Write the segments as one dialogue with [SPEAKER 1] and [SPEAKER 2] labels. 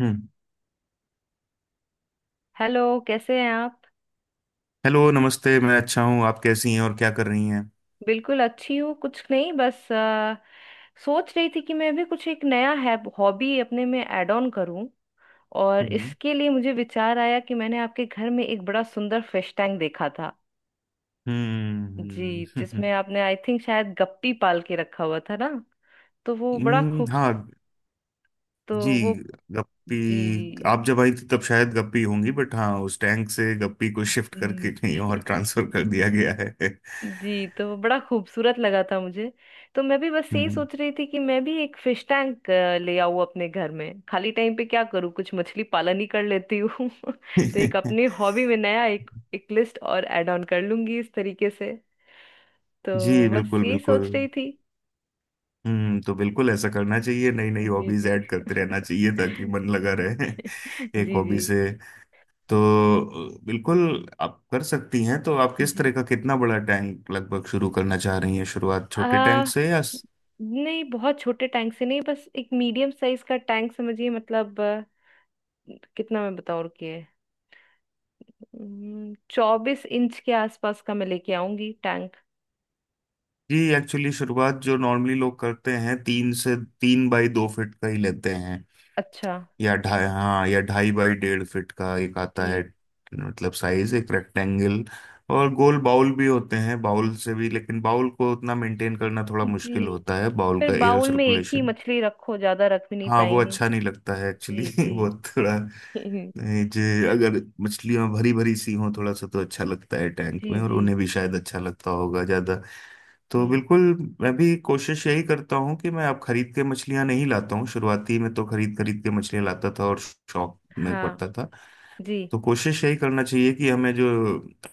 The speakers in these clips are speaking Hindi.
[SPEAKER 1] हम्म।
[SPEAKER 2] हेलो, कैसे हैं आप?
[SPEAKER 1] हेलो नमस्ते, मैं अच्छा हूँ। आप कैसी हैं और क्या कर रही हैं?
[SPEAKER 2] बिल्कुल अच्छी हूँ। कुछ नहीं, बस सोच रही थी कि मैं भी कुछ एक नया है हॉबी अपने में ऐड ऑन करूँ। और
[SPEAKER 1] हम्म।
[SPEAKER 2] इसके लिए मुझे विचार आया कि मैंने आपके घर में एक बड़ा सुंदर फिश टैंक देखा था। जी,
[SPEAKER 1] हम्म।
[SPEAKER 2] जिसमें आपने आई थिंक शायद गप्पी पाल के रखा हुआ था ना। तो वो बड़ा खूब।
[SPEAKER 1] हाँ।
[SPEAKER 2] तो
[SPEAKER 1] जी।
[SPEAKER 2] वो।
[SPEAKER 1] गप्पी।
[SPEAKER 2] जी
[SPEAKER 1] आप जब आई थी तब शायद गप्पी होंगी, बट हाँ, उस टैंक से गप्पी को शिफ्ट
[SPEAKER 2] जी,
[SPEAKER 1] करके कहीं और
[SPEAKER 2] जी
[SPEAKER 1] ट्रांसफर कर दिया गया है।
[SPEAKER 2] जी, तो बड़ा खूबसूरत लगा था मुझे। तो मैं भी बस यही
[SPEAKER 1] हम्म।
[SPEAKER 2] सोच रही थी कि मैं भी एक फिश टैंक ले आऊं अपने घर में। खाली टाइम पे क्या करूँ, कुछ मछली पालन ही कर लेती हूँ तो एक अपनी हॉबी में नया एक एक लिस्ट और ऐड ऑन कर लूंगी इस तरीके से। तो
[SPEAKER 1] जी,
[SPEAKER 2] बस
[SPEAKER 1] बिल्कुल
[SPEAKER 2] यही
[SPEAKER 1] बिल्कुल।
[SPEAKER 2] सोच रही थी।
[SPEAKER 1] तो बिल्कुल ऐसा करना चाहिए, नई नई
[SPEAKER 2] जी
[SPEAKER 1] हॉबीज
[SPEAKER 2] जी
[SPEAKER 1] ऐड करते रहना चाहिए ताकि मन लगा
[SPEAKER 2] जी।
[SPEAKER 1] रहे। एक हॉबी
[SPEAKER 2] जी
[SPEAKER 1] से। तो बिल्कुल, आप कर सकती हैं। तो आप
[SPEAKER 2] जी
[SPEAKER 1] किस तरह
[SPEAKER 2] जी।
[SPEAKER 1] का, कितना बड़ा टैंक लगभग शुरू करना चाह रही हैं? शुरुआत छोटे टैंक
[SPEAKER 2] आ,
[SPEAKER 1] से, या?
[SPEAKER 2] नहीं, बहुत छोटे टैंक से नहीं, बस एक मीडियम साइज का टैंक समझिए। मतलब कितना मैं बताऊँ, रुकिए। 24 इंच के आसपास का मैं लेके आऊंगी टैंक।
[SPEAKER 1] जी एक्चुअली, शुरुआत जो नॉर्मली लोग करते हैं, तीन से तीन बाई दो फीट का ही लेते हैं।
[SPEAKER 2] अच्छा।
[SPEAKER 1] या ढाई, हाँ, या ढाई बाई डेढ़ फीट का एक आता है।
[SPEAKER 2] जी
[SPEAKER 1] मतलब साइज एक रेक्टेंगल। और गोल बाउल भी होते हैं, बाउल से भी, लेकिन बाउल को उतना मेंटेन करना थोड़ा
[SPEAKER 2] जी।
[SPEAKER 1] मुश्किल होता है। बाउल
[SPEAKER 2] फिर
[SPEAKER 1] का एयर
[SPEAKER 2] बाउल में एक ही
[SPEAKER 1] सर्कुलेशन।
[SPEAKER 2] मछली रखो, ज्यादा रख भी नहीं
[SPEAKER 1] हाँ, वो
[SPEAKER 2] पाएंगे।
[SPEAKER 1] अच्छा नहीं लगता है एक्चुअली।
[SPEAKER 2] जी जी
[SPEAKER 1] वो थोड़ा। ए, जे अगर मछलियां भरी भरी सी हों थोड़ा सा, तो अच्छा लगता है टैंक
[SPEAKER 2] जी
[SPEAKER 1] में, और
[SPEAKER 2] जी
[SPEAKER 1] उन्हें भी शायद अच्छा लगता होगा ज्यादा। तो
[SPEAKER 2] जी।
[SPEAKER 1] बिल्कुल। मैं भी कोशिश यही करता हूँ कि मैं अब खरीद के मछलियां नहीं लाता हूँ। शुरुआती में तो खरीद खरीद के मछलियां लाता था और शौक में
[SPEAKER 2] हाँ।
[SPEAKER 1] पड़ता था।
[SPEAKER 2] जी
[SPEAKER 1] तो कोशिश यही करना चाहिए कि हमें जो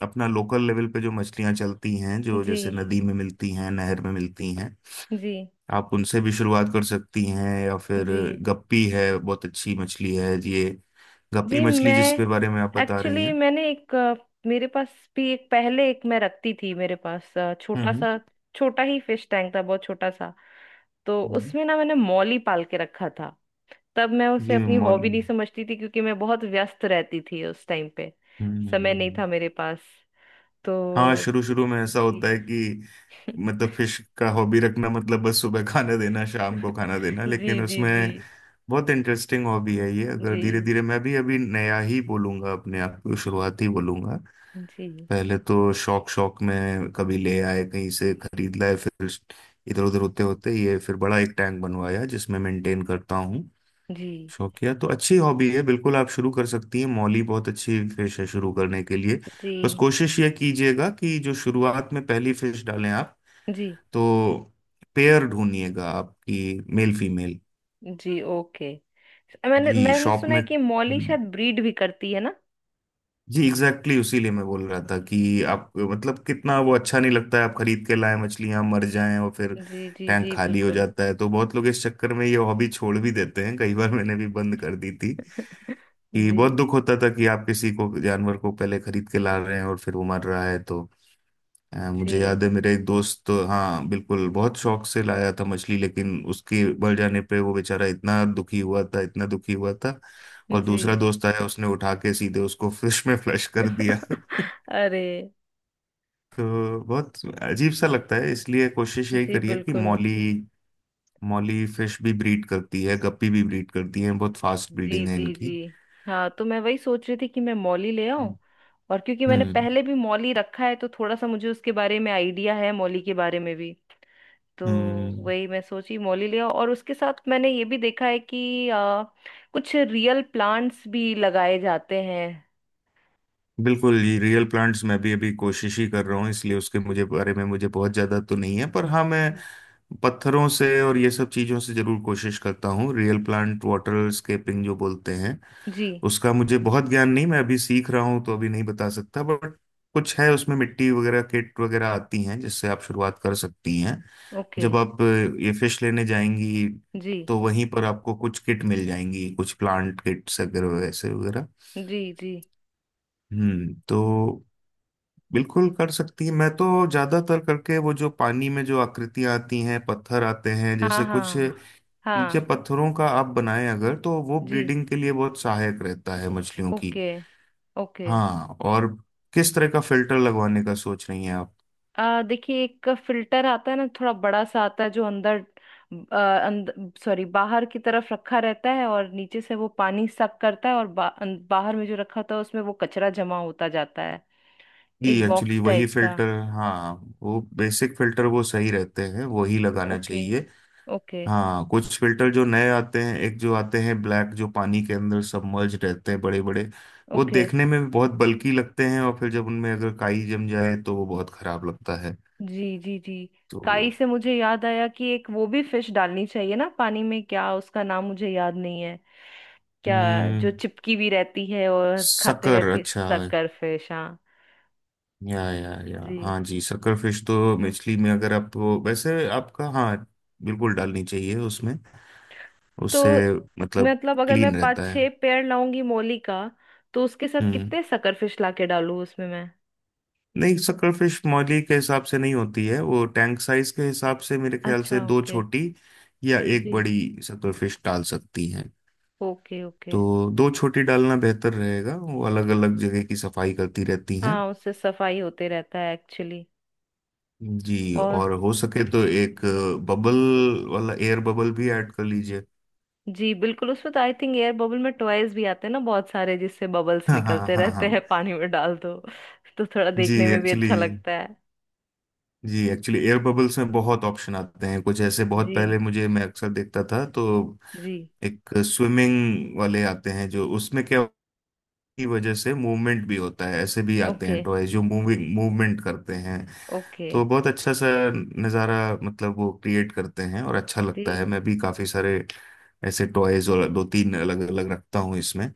[SPEAKER 1] अपना लोकल लेवल पे जो मछलियां चलती हैं, जो
[SPEAKER 2] जी
[SPEAKER 1] जैसे नदी में मिलती हैं, नहर में मिलती हैं,
[SPEAKER 2] जी
[SPEAKER 1] आप उनसे भी शुरुआत कर सकती हैं, या फिर
[SPEAKER 2] जी
[SPEAKER 1] गप्पी है, बहुत अच्छी मछली है ये। गप्पी
[SPEAKER 2] जी। मैं
[SPEAKER 1] मछली जिसके बारे में आप बता रही
[SPEAKER 2] एक्चुअली,
[SPEAKER 1] हैं।
[SPEAKER 2] मैंने एक मेरे पास भी एक पहले, एक मैं रखती थी मेरे पास
[SPEAKER 1] हम्म।
[SPEAKER 2] छोटा
[SPEAKER 1] हम्म।
[SPEAKER 2] सा। छोटा ही फिश टैंक था, बहुत छोटा सा। तो
[SPEAKER 1] हम्म,
[SPEAKER 2] उसमें ना मैंने मौली पाल के रखा था। तब मैं उसे
[SPEAKER 1] ये
[SPEAKER 2] अपनी
[SPEAKER 1] मौली।
[SPEAKER 2] हॉबी नहीं
[SPEAKER 1] हम्म।
[SPEAKER 2] समझती थी क्योंकि मैं बहुत व्यस्त रहती थी उस टाइम पे। समय नहीं
[SPEAKER 1] हम्म।
[SPEAKER 2] था मेरे पास। तो।
[SPEAKER 1] हाँ, शुरू शुरू में ऐसा
[SPEAKER 2] जी
[SPEAKER 1] होता है कि मतलब फिश का हॉबी रखना मतलब बस सुबह खाना देना, शाम को खाना देना,
[SPEAKER 2] जी
[SPEAKER 1] लेकिन
[SPEAKER 2] जी। जी
[SPEAKER 1] उसमें बहुत इंटरेस्टिंग हॉबी है ये, अगर धीरे
[SPEAKER 2] जी
[SPEAKER 1] धीरे। मैं भी अभी नया ही बोलूंगा अपने आप को, शुरुआत ही बोलूंगा।
[SPEAKER 2] जी
[SPEAKER 1] पहले तो शौक शौक में कभी ले आए, कहीं से खरीद लाए, फिर इधर उधर होते होते, ये फिर बड़ा एक टैंक बनवाया जिसमें मेंटेन करता हूँ।
[SPEAKER 2] जी
[SPEAKER 1] शौकिया तो अच्छी हॉबी है, बिल्कुल आप शुरू कर सकती हैं। मौली बहुत अच्छी फिश है शुरू करने के लिए। बस
[SPEAKER 2] जी
[SPEAKER 1] कोशिश ये कीजिएगा कि जो शुरुआत में पहली फिश डालें आप,
[SPEAKER 2] जी
[SPEAKER 1] तो पेयर ढूंढिएगा आपकी, मेल फीमेल।
[SPEAKER 2] जी। ओके, मैंने
[SPEAKER 1] जी,
[SPEAKER 2] मैंने
[SPEAKER 1] शॉप
[SPEAKER 2] सुना है
[SPEAKER 1] में।
[SPEAKER 2] कि मौली शायद ब्रीड भी करती है ना।
[SPEAKER 1] जी एग्जैक्टली उसी लिए मैं बोल रहा था कि आप, मतलब कितना वो अच्छा नहीं लगता है, आप खरीद के लाए मछलियां मर जाएं और फिर
[SPEAKER 2] जी जी
[SPEAKER 1] टैंक
[SPEAKER 2] जी,
[SPEAKER 1] खाली हो
[SPEAKER 2] बिल्कुल।
[SPEAKER 1] जाता है। तो बहुत लोग इस चक्कर में ये हॉबी छोड़ भी देते हैं, कई बार मैंने भी बंद कर दी थी। कि
[SPEAKER 2] जी
[SPEAKER 1] बहुत दुख होता था कि आप किसी को, जानवर को, पहले खरीद के ला रहे हैं और फिर वो मर रहा है। तो
[SPEAKER 2] जी
[SPEAKER 1] मुझे याद है, मेरे एक दोस्त तो, हाँ बिल्कुल, बहुत शौक से लाया था मछली, लेकिन उसके मर जाने पे वो बेचारा इतना दुखी हुआ था, इतना दुखी हुआ था। और
[SPEAKER 2] जी
[SPEAKER 1] दूसरा दोस्त आया, उसने उठा के सीधे उसको फिश में फ्लश कर दिया।
[SPEAKER 2] अरे!
[SPEAKER 1] तो बहुत अजीब सा लगता है, इसलिए कोशिश यही
[SPEAKER 2] जी
[SPEAKER 1] करिए कि
[SPEAKER 2] बिल्कुल।
[SPEAKER 1] मौली। मौली फिश भी ब्रीड करती है, गप्पी भी ब्रीड करती है, बहुत फास्ट
[SPEAKER 2] जी
[SPEAKER 1] ब्रीडिंग है
[SPEAKER 2] जी जी।
[SPEAKER 1] इनकी।
[SPEAKER 2] हाँ, तो मैं वही सोच रही थी कि मैं मौली ले आऊं।
[SPEAKER 1] हम्म।
[SPEAKER 2] और क्योंकि मैंने
[SPEAKER 1] हम्म।
[SPEAKER 2] पहले भी मौली रखा है तो थोड़ा सा मुझे उसके बारे में आइडिया है, मौली के बारे में भी। तो
[SPEAKER 1] हम्म,
[SPEAKER 2] वही मैं सोची, मौली ले आऊं। और उसके साथ मैंने ये भी देखा है कि कुछ रियल प्लांट्स भी लगाए जाते हैं।
[SPEAKER 1] बिल्कुल ये रियल प्लांट्स मैं भी अभी कोशिश ही कर रहा हूँ, इसलिए उसके मुझे बारे में मुझे बहुत ज्यादा तो नहीं है। पर हाँ, मैं
[SPEAKER 2] जी
[SPEAKER 1] पत्थरों से और ये सब चीजों से जरूर कोशिश करता हूँ। रियल प्लांट वाटर स्केपिंग जो बोलते हैं,
[SPEAKER 2] जी।
[SPEAKER 1] उसका मुझे बहुत ज्ञान नहीं, मैं अभी सीख रहा हूँ, तो अभी नहीं बता सकता, बट कुछ है उसमें, मिट्टी वगैरह, किट वगैरह आती हैं जिससे आप शुरुआत कर सकती हैं।
[SPEAKER 2] ओके।
[SPEAKER 1] जब आप ये फिश लेने जाएंगी,
[SPEAKER 2] जी
[SPEAKER 1] तो वहीं पर आपको कुछ किट मिल जाएंगी, कुछ प्लांट किट्स अगर, वैसे, वगैरह।
[SPEAKER 2] जी जी।
[SPEAKER 1] तो बिल्कुल कर सकती है। मैं तो ज्यादातर करके वो, जो पानी में जो आकृतियां आती हैं, पत्थर आते हैं
[SPEAKER 2] हाँ
[SPEAKER 1] जैसे कुछ,
[SPEAKER 2] हाँ।
[SPEAKER 1] नीचे
[SPEAKER 2] हाँ।
[SPEAKER 1] पत्थरों का आप बनाएं अगर, तो वो
[SPEAKER 2] जी।
[SPEAKER 1] ब्रीडिंग के लिए बहुत सहायक रहता है मछलियों की।
[SPEAKER 2] Okay okay.
[SPEAKER 1] हाँ, और किस तरह का फिल्टर लगवाने का सोच रही हैं आप?
[SPEAKER 2] आ देखिए, एक फिल्टर आता है ना, थोड़ा बड़ा सा आता है जो अंदर, सॉरी बाहर की तरफ रखा रहता है और नीचे से वो पानी सक करता है, और बाहर में जो रखा होता है उसमें वो कचरा जमा होता जाता है।
[SPEAKER 1] कि
[SPEAKER 2] एक
[SPEAKER 1] एक्चुअली
[SPEAKER 2] बॉक्स
[SPEAKER 1] वही
[SPEAKER 2] टाइप का।
[SPEAKER 1] फिल्टर, हाँ, वो बेसिक फिल्टर वो सही रहते हैं, वही लगाना
[SPEAKER 2] ओके।
[SPEAKER 1] चाहिए।
[SPEAKER 2] ओके
[SPEAKER 1] हाँ, कुछ फिल्टर जो नए आते हैं, एक जो आते हैं ब्लैक, जो पानी के अंदर सबमर्ज रहते हैं, बड़े बड़े, वो
[SPEAKER 2] ओके।
[SPEAKER 1] देखने में भी बहुत बल्की लगते हैं, और फिर जब उनमें अगर काई जम जाए तो वो बहुत खराब लगता है,
[SPEAKER 2] जी जी जी।
[SPEAKER 1] तो।
[SPEAKER 2] काई से मुझे याद आया कि एक वो भी फिश डालनी चाहिए ना पानी में, क्या उसका नाम मुझे याद नहीं है। क्या जो
[SPEAKER 1] हम्म,
[SPEAKER 2] चिपकी भी रहती है और खाते
[SPEAKER 1] शक्कर,
[SPEAKER 2] रहती है,
[SPEAKER 1] अच्छा।
[SPEAKER 2] सक्कर फिश, हाँ।
[SPEAKER 1] या
[SPEAKER 2] जी।
[SPEAKER 1] हाँ जी, सकरफिश तो मछली में अगर आप, वैसे आपका, हाँ, बिल्कुल डालनी चाहिए उसमें, उससे
[SPEAKER 2] तो
[SPEAKER 1] मतलब
[SPEAKER 2] मतलब, अगर मैं
[SPEAKER 1] क्लीन रहता
[SPEAKER 2] पाँच
[SPEAKER 1] है।
[SPEAKER 2] छह पेड़ लाऊंगी मोली का तो उसके साथ
[SPEAKER 1] हम्म
[SPEAKER 2] कितने शकरफिश लाके डालूं उसमें मैं?
[SPEAKER 1] नहीं, सकरफिश मौली के हिसाब से नहीं होती है, वो टैंक साइज के हिसाब से, मेरे ख्याल से
[SPEAKER 2] अच्छा
[SPEAKER 1] दो
[SPEAKER 2] ओके।
[SPEAKER 1] छोटी या एक
[SPEAKER 2] जी।
[SPEAKER 1] बड़ी सकरफिश डाल सकती हैं।
[SPEAKER 2] Okay okay.
[SPEAKER 1] तो दो छोटी डालना बेहतर रहेगा, वो अलग अलग जगह की सफाई करती रहती हैं।
[SPEAKER 2] हाँ, उससे सफाई होते रहता है एक्चुअली।
[SPEAKER 1] जी,
[SPEAKER 2] और।
[SPEAKER 1] और हो सके तो एक
[SPEAKER 2] जी
[SPEAKER 1] बबल वाला एयर बबल भी ऐड कर लीजिए।
[SPEAKER 2] जी, बिल्कुल। उसमें तो आई थिंक एयर बबल में टॉयज भी आते हैं ना बहुत सारे, जिससे बबल्स
[SPEAKER 1] हाँ, हाँ,
[SPEAKER 2] निकलते
[SPEAKER 1] हाँ,
[SPEAKER 2] रहते
[SPEAKER 1] हाँ।
[SPEAKER 2] हैं पानी में, डाल दो। तो थोड़ा
[SPEAKER 1] जी
[SPEAKER 2] देखने में भी
[SPEAKER 1] एक्चुअली
[SPEAKER 2] अच्छा लगता है।
[SPEAKER 1] जी एक्चुअली एयर बबल्स में बहुत ऑप्शन आते हैं, कुछ ऐसे बहुत
[SPEAKER 2] जी
[SPEAKER 1] पहले मुझे, मैं अक्सर देखता था, तो
[SPEAKER 2] जी।
[SPEAKER 1] एक स्विमिंग वाले आते हैं जो उसमें क्या की वजह से मूवमेंट भी होता है। ऐसे भी आते
[SPEAKER 2] ओके
[SPEAKER 1] हैं टॉय जो मूविंग मूवमेंट करते हैं।
[SPEAKER 2] ओके।
[SPEAKER 1] तो बहुत अच्छा सा नज़ारा मतलब वो क्रिएट करते हैं और अच्छा
[SPEAKER 2] जी
[SPEAKER 1] लगता है। मैं भी काफ़ी सारे ऐसे टॉयज और दो तीन अलग अलग रखता हूँ इसमें।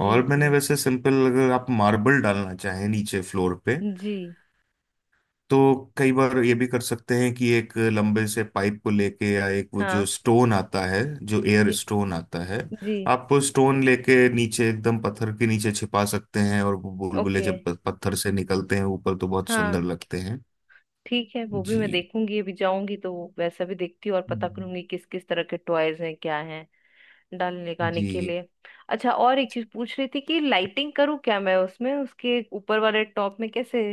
[SPEAKER 1] और मैंने
[SPEAKER 2] जी
[SPEAKER 1] वैसे सिंपल, अगर आप मार्बल डालना चाहें नीचे फ्लोर पे,
[SPEAKER 2] जी।
[SPEAKER 1] तो कई बार ये भी कर सकते हैं कि एक लंबे से पाइप को लेके, या एक वो जो
[SPEAKER 2] हाँ।
[SPEAKER 1] स्टोन आता है, जो एयर
[SPEAKER 2] जी
[SPEAKER 1] स्टोन आता है,
[SPEAKER 2] जी।
[SPEAKER 1] आप वो स्टोन लेके नीचे एकदम पत्थर के नीचे छिपा सकते हैं, और वो बुलबुले
[SPEAKER 2] ओके।
[SPEAKER 1] जब पत्थर से निकलते हैं ऊपर तो बहुत सुंदर
[SPEAKER 2] हाँ,
[SPEAKER 1] लगते हैं।
[SPEAKER 2] ठीक है, वो भी मैं
[SPEAKER 1] जी,
[SPEAKER 2] देखूंगी अभी जाऊंगी तो वैसा भी देखती हूँ और पता करूंगी किस किस तरह के टॉयज हैं क्या हैं डालने लगाने के
[SPEAKER 1] जी,
[SPEAKER 2] लिए। अच्छा, और एक चीज पूछ रही थी कि लाइटिंग करूँ क्या मैं उसमें? उसके ऊपर वाले टॉप में कैसे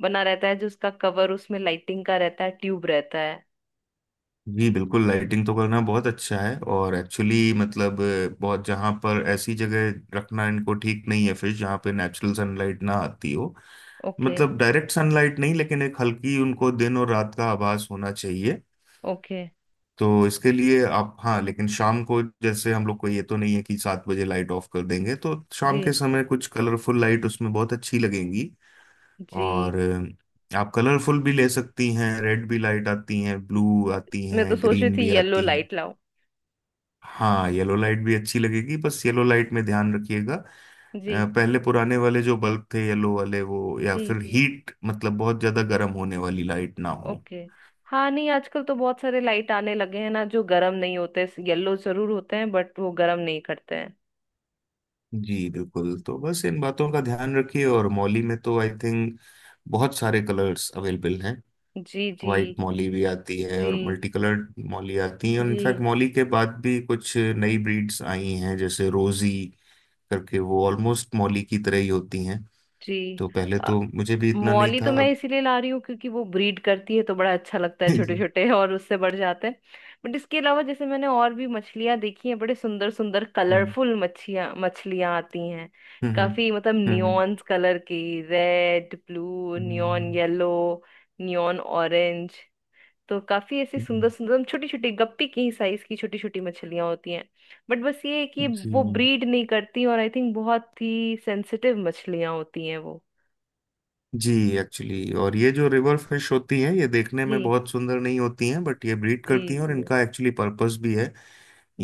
[SPEAKER 2] बना रहता है जो उसका कवर उसमें लाइटिंग का रहता है, ट्यूब रहता है।
[SPEAKER 1] जी, बिल्कुल। लाइटिंग तो करना बहुत अच्छा है, और एक्चुअली मतलब बहुत, जहाँ पर ऐसी जगह रखना इनको ठीक नहीं है, फिर जहाँ पे नेचुरल सनलाइट ना आती हो।
[SPEAKER 2] ओके
[SPEAKER 1] मतलब डायरेक्ट सनलाइट नहीं, लेकिन एक हल्की, उनको दिन और रात का आभास होना चाहिए।
[SPEAKER 2] ओके।
[SPEAKER 1] तो इसके लिए आप, हाँ, लेकिन शाम को जैसे हम लोग को ये तो नहीं है कि 7 बजे लाइट ऑफ कर देंगे, तो शाम के
[SPEAKER 2] जी
[SPEAKER 1] समय कुछ कलरफुल लाइट उसमें बहुत अच्छी लगेंगी।
[SPEAKER 2] जी।
[SPEAKER 1] और आप कलरफुल भी ले सकती हैं, रेड भी लाइट आती हैं, ब्लू आती
[SPEAKER 2] मैं तो
[SPEAKER 1] हैं,
[SPEAKER 2] सोच रही
[SPEAKER 1] ग्रीन
[SPEAKER 2] थी
[SPEAKER 1] भी
[SPEAKER 2] येलो
[SPEAKER 1] आती हैं।
[SPEAKER 2] लाइट लाऊं।
[SPEAKER 1] हाँ, येलो लाइट भी अच्छी लगेगी, बस येलो लाइट में ध्यान रखिएगा।
[SPEAKER 2] जी
[SPEAKER 1] पहले पुराने वाले जो बल्ब थे येलो वाले वो, या
[SPEAKER 2] जी
[SPEAKER 1] फिर
[SPEAKER 2] जी।
[SPEAKER 1] हीट मतलब बहुत ज्यादा गर्म होने वाली लाइट ना हो।
[SPEAKER 2] ओके, हाँ, नहीं आजकल तो बहुत सारे लाइट आने लगे हैं ना जो गर्म नहीं होते, येलो जरूर होते हैं बट वो गर्म नहीं करते हैं।
[SPEAKER 1] जी बिल्कुल, तो बस इन बातों का ध्यान रखिए। और मॉली में तो आई थिंक बहुत सारे कलर्स अवेलेबल हैं।
[SPEAKER 2] जी जी
[SPEAKER 1] वाइट मॉली भी आती है, और
[SPEAKER 2] जी
[SPEAKER 1] मल्टी कलर्ड मॉली आती है, और इनफैक्ट
[SPEAKER 2] जी
[SPEAKER 1] मॉली के बाद भी कुछ नई ब्रीड्स आई हैं, जैसे रोजी करके, वो ऑलमोस्ट मॉली की तरह ही होती हैं।
[SPEAKER 2] जी।
[SPEAKER 1] तो पहले
[SPEAKER 2] अ,
[SPEAKER 1] तो मुझे भी इतना नहीं
[SPEAKER 2] मौली
[SPEAKER 1] था,
[SPEAKER 2] तो मैं
[SPEAKER 1] अब।
[SPEAKER 2] इसीलिए ला रही हूँ क्योंकि वो ब्रीड करती है तो बड़ा अच्छा लगता है छोटे छोटे और उससे बढ़ जाते हैं। बट इसके अलावा जैसे मैंने और भी मछलियाँ देखी हैं, बड़े सुंदर सुंदर
[SPEAKER 1] हम्म।
[SPEAKER 2] कलरफुल मच्छियाँ मछलियाँ आती हैं।
[SPEAKER 1] हम्म। हम्म।
[SPEAKER 2] काफी मतलब
[SPEAKER 1] हम्म,
[SPEAKER 2] नियॉन्स कलर की, रेड ब्लू
[SPEAKER 1] हम्म,
[SPEAKER 2] नियॉन येलो, नियॉन ऑरेंज। तो काफी ऐसी
[SPEAKER 1] हम्म,
[SPEAKER 2] सुंदर सुंदर छोटी छोटी गप्पी की साइज की छोटी छोटी मछलियां होती हैं। बट बस ये है कि
[SPEAKER 1] जी।
[SPEAKER 2] वो ब्रीड नहीं करती और आई थिंक बहुत ही सेंसिटिव मछलियां होती हैं वो।
[SPEAKER 1] जी एक्चुअली, और ये जो रिवर फिश होती हैं, ये देखने में
[SPEAKER 2] जी
[SPEAKER 1] बहुत सुंदर नहीं होती हैं, बट ये ब्रीड करती
[SPEAKER 2] जी
[SPEAKER 1] हैं, और
[SPEAKER 2] जी
[SPEAKER 1] इनका एक्चुअली पर्पस भी है।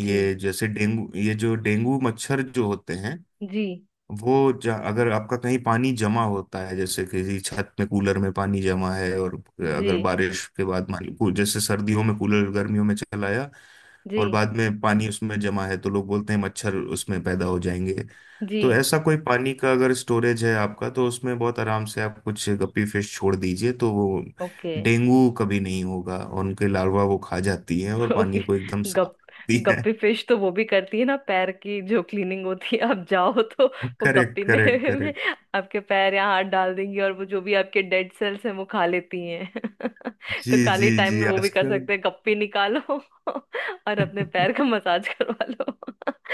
[SPEAKER 2] जी।
[SPEAKER 1] जैसे डेंगू, ये जो डेंगू मच्छर जो होते हैं,
[SPEAKER 2] जी
[SPEAKER 1] वो अगर आपका कहीं पानी जमा होता है, जैसे किसी छत में, कूलर में पानी जमा है, और
[SPEAKER 2] जी
[SPEAKER 1] अगर बारिश के बाद मान लो जैसे सर्दियों में कूलर गर्मियों में चलाया,
[SPEAKER 2] जी
[SPEAKER 1] और बाद में पानी उसमें जमा है, तो लोग बोलते हैं मच्छर उसमें पैदा हो जाएंगे।
[SPEAKER 2] जी।
[SPEAKER 1] तो ऐसा कोई पानी का अगर स्टोरेज है आपका, तो उसमें बहुत आराम से आप कुछ गप्पी फिश छोड़ दीजिए, तो वो
[SPEAKER 2] ओके
[SPEAKER 1] डेंगू कभी नहीं होगा, और उनके लार्वा वो खा जाती है और
[SPEAKER 2] ओके।
[SPEAKER 1] पानी को एकदम साफ
[SPEAKER 2] गप
[SPEAKER 1] रखती है।
[SPEAKER 2] गप्पी फिश तो वो भी करती है ना, पैर की जो क्लीनिंग होती है आप जाओ तो वो
[SPEAKER 1] करेक्ट,
[SPEAKER 2] गप्पी में,
[SPEAKER 1] करेक्ट,
[SPEAKER 2] में
[SPEAKER 1] करेक्ट।
[SPEAKER 2] आपके पैर या हाथ डाल देंगी और वो जो भी आपके डेड सेल्स हैं वो खा लेती हैं।
[SPEAKER 1] जी,
[SPEAKER 2] तो
[SPEAKER 1] जी,
[SPEAKER 2] खाली टाइम
[SPEAKER 1] जी,
[SPEAKER 2] में वो भी कर
[SPEAKER 1] आजकल।
[SPEAKER 2] सकते हैं, गप्पी निकालो और अपने पैर का मसाज करवा लो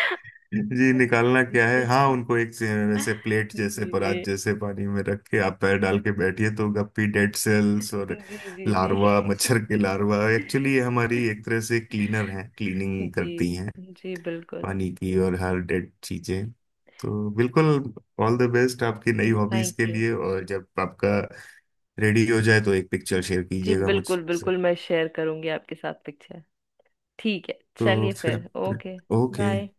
[SPEAKER 1] जी, निकालना क्या है, हाँ उनको वैसे प्लेट
[SPEAKER 2] जी
[SPEAKER 1] जैसे,
[SPEAKER 2] जी जी।
[SPEAKER 1] परात जैसे पानी में रख के आप पैर डाल के बैठिए, तो गप्पी डेड सेल्स और
[SPEAKER 2] जी जी
[SPEAKER 1] लार्वा, मच्छर के लार्वा, एक्चुअली ये हमारी एक तरह से क्लीनर हैं, क्लीनिंग
[SPEAKER 2] जी।
[SPEAKER 1] करती हैं
[SPEAKER 2] जी बिल्कुल।
[SPEAKER 1] पानी की और हर डेड चीजें। तो बिल्कुल, ऑल द बेस्ट आपकी नई
[SPEAKER 2] जी
[SPEAKER 1] हॉबीज
[SPEAKER 2] थैंक
[SPEAKER 1] के
[SPEAKER 2] यू।
[SPEAKER 1] लिए। और जब आपका रेडी हो जाए तो एक पिक्चर शेयर
[SPEAKER 2] जी
[SPEAKER 1] कीजिएगा
[SPEAKER 2] बिल्कुल
[SPEAKER 1] मुझसे।
[SPEAKER 2] बिल्कुल, मैं शेयर करूंगी आपके साथ पिक्चर। ठीक है।
[SPEAKER 1] तो
[SPEAKER 2] चलिए
[SPEAKER 1] फिर,
[SPEAKER 2] फिर, ओके,
[SPEAKER 1] ओके।
[SPEAKER 2] बाय।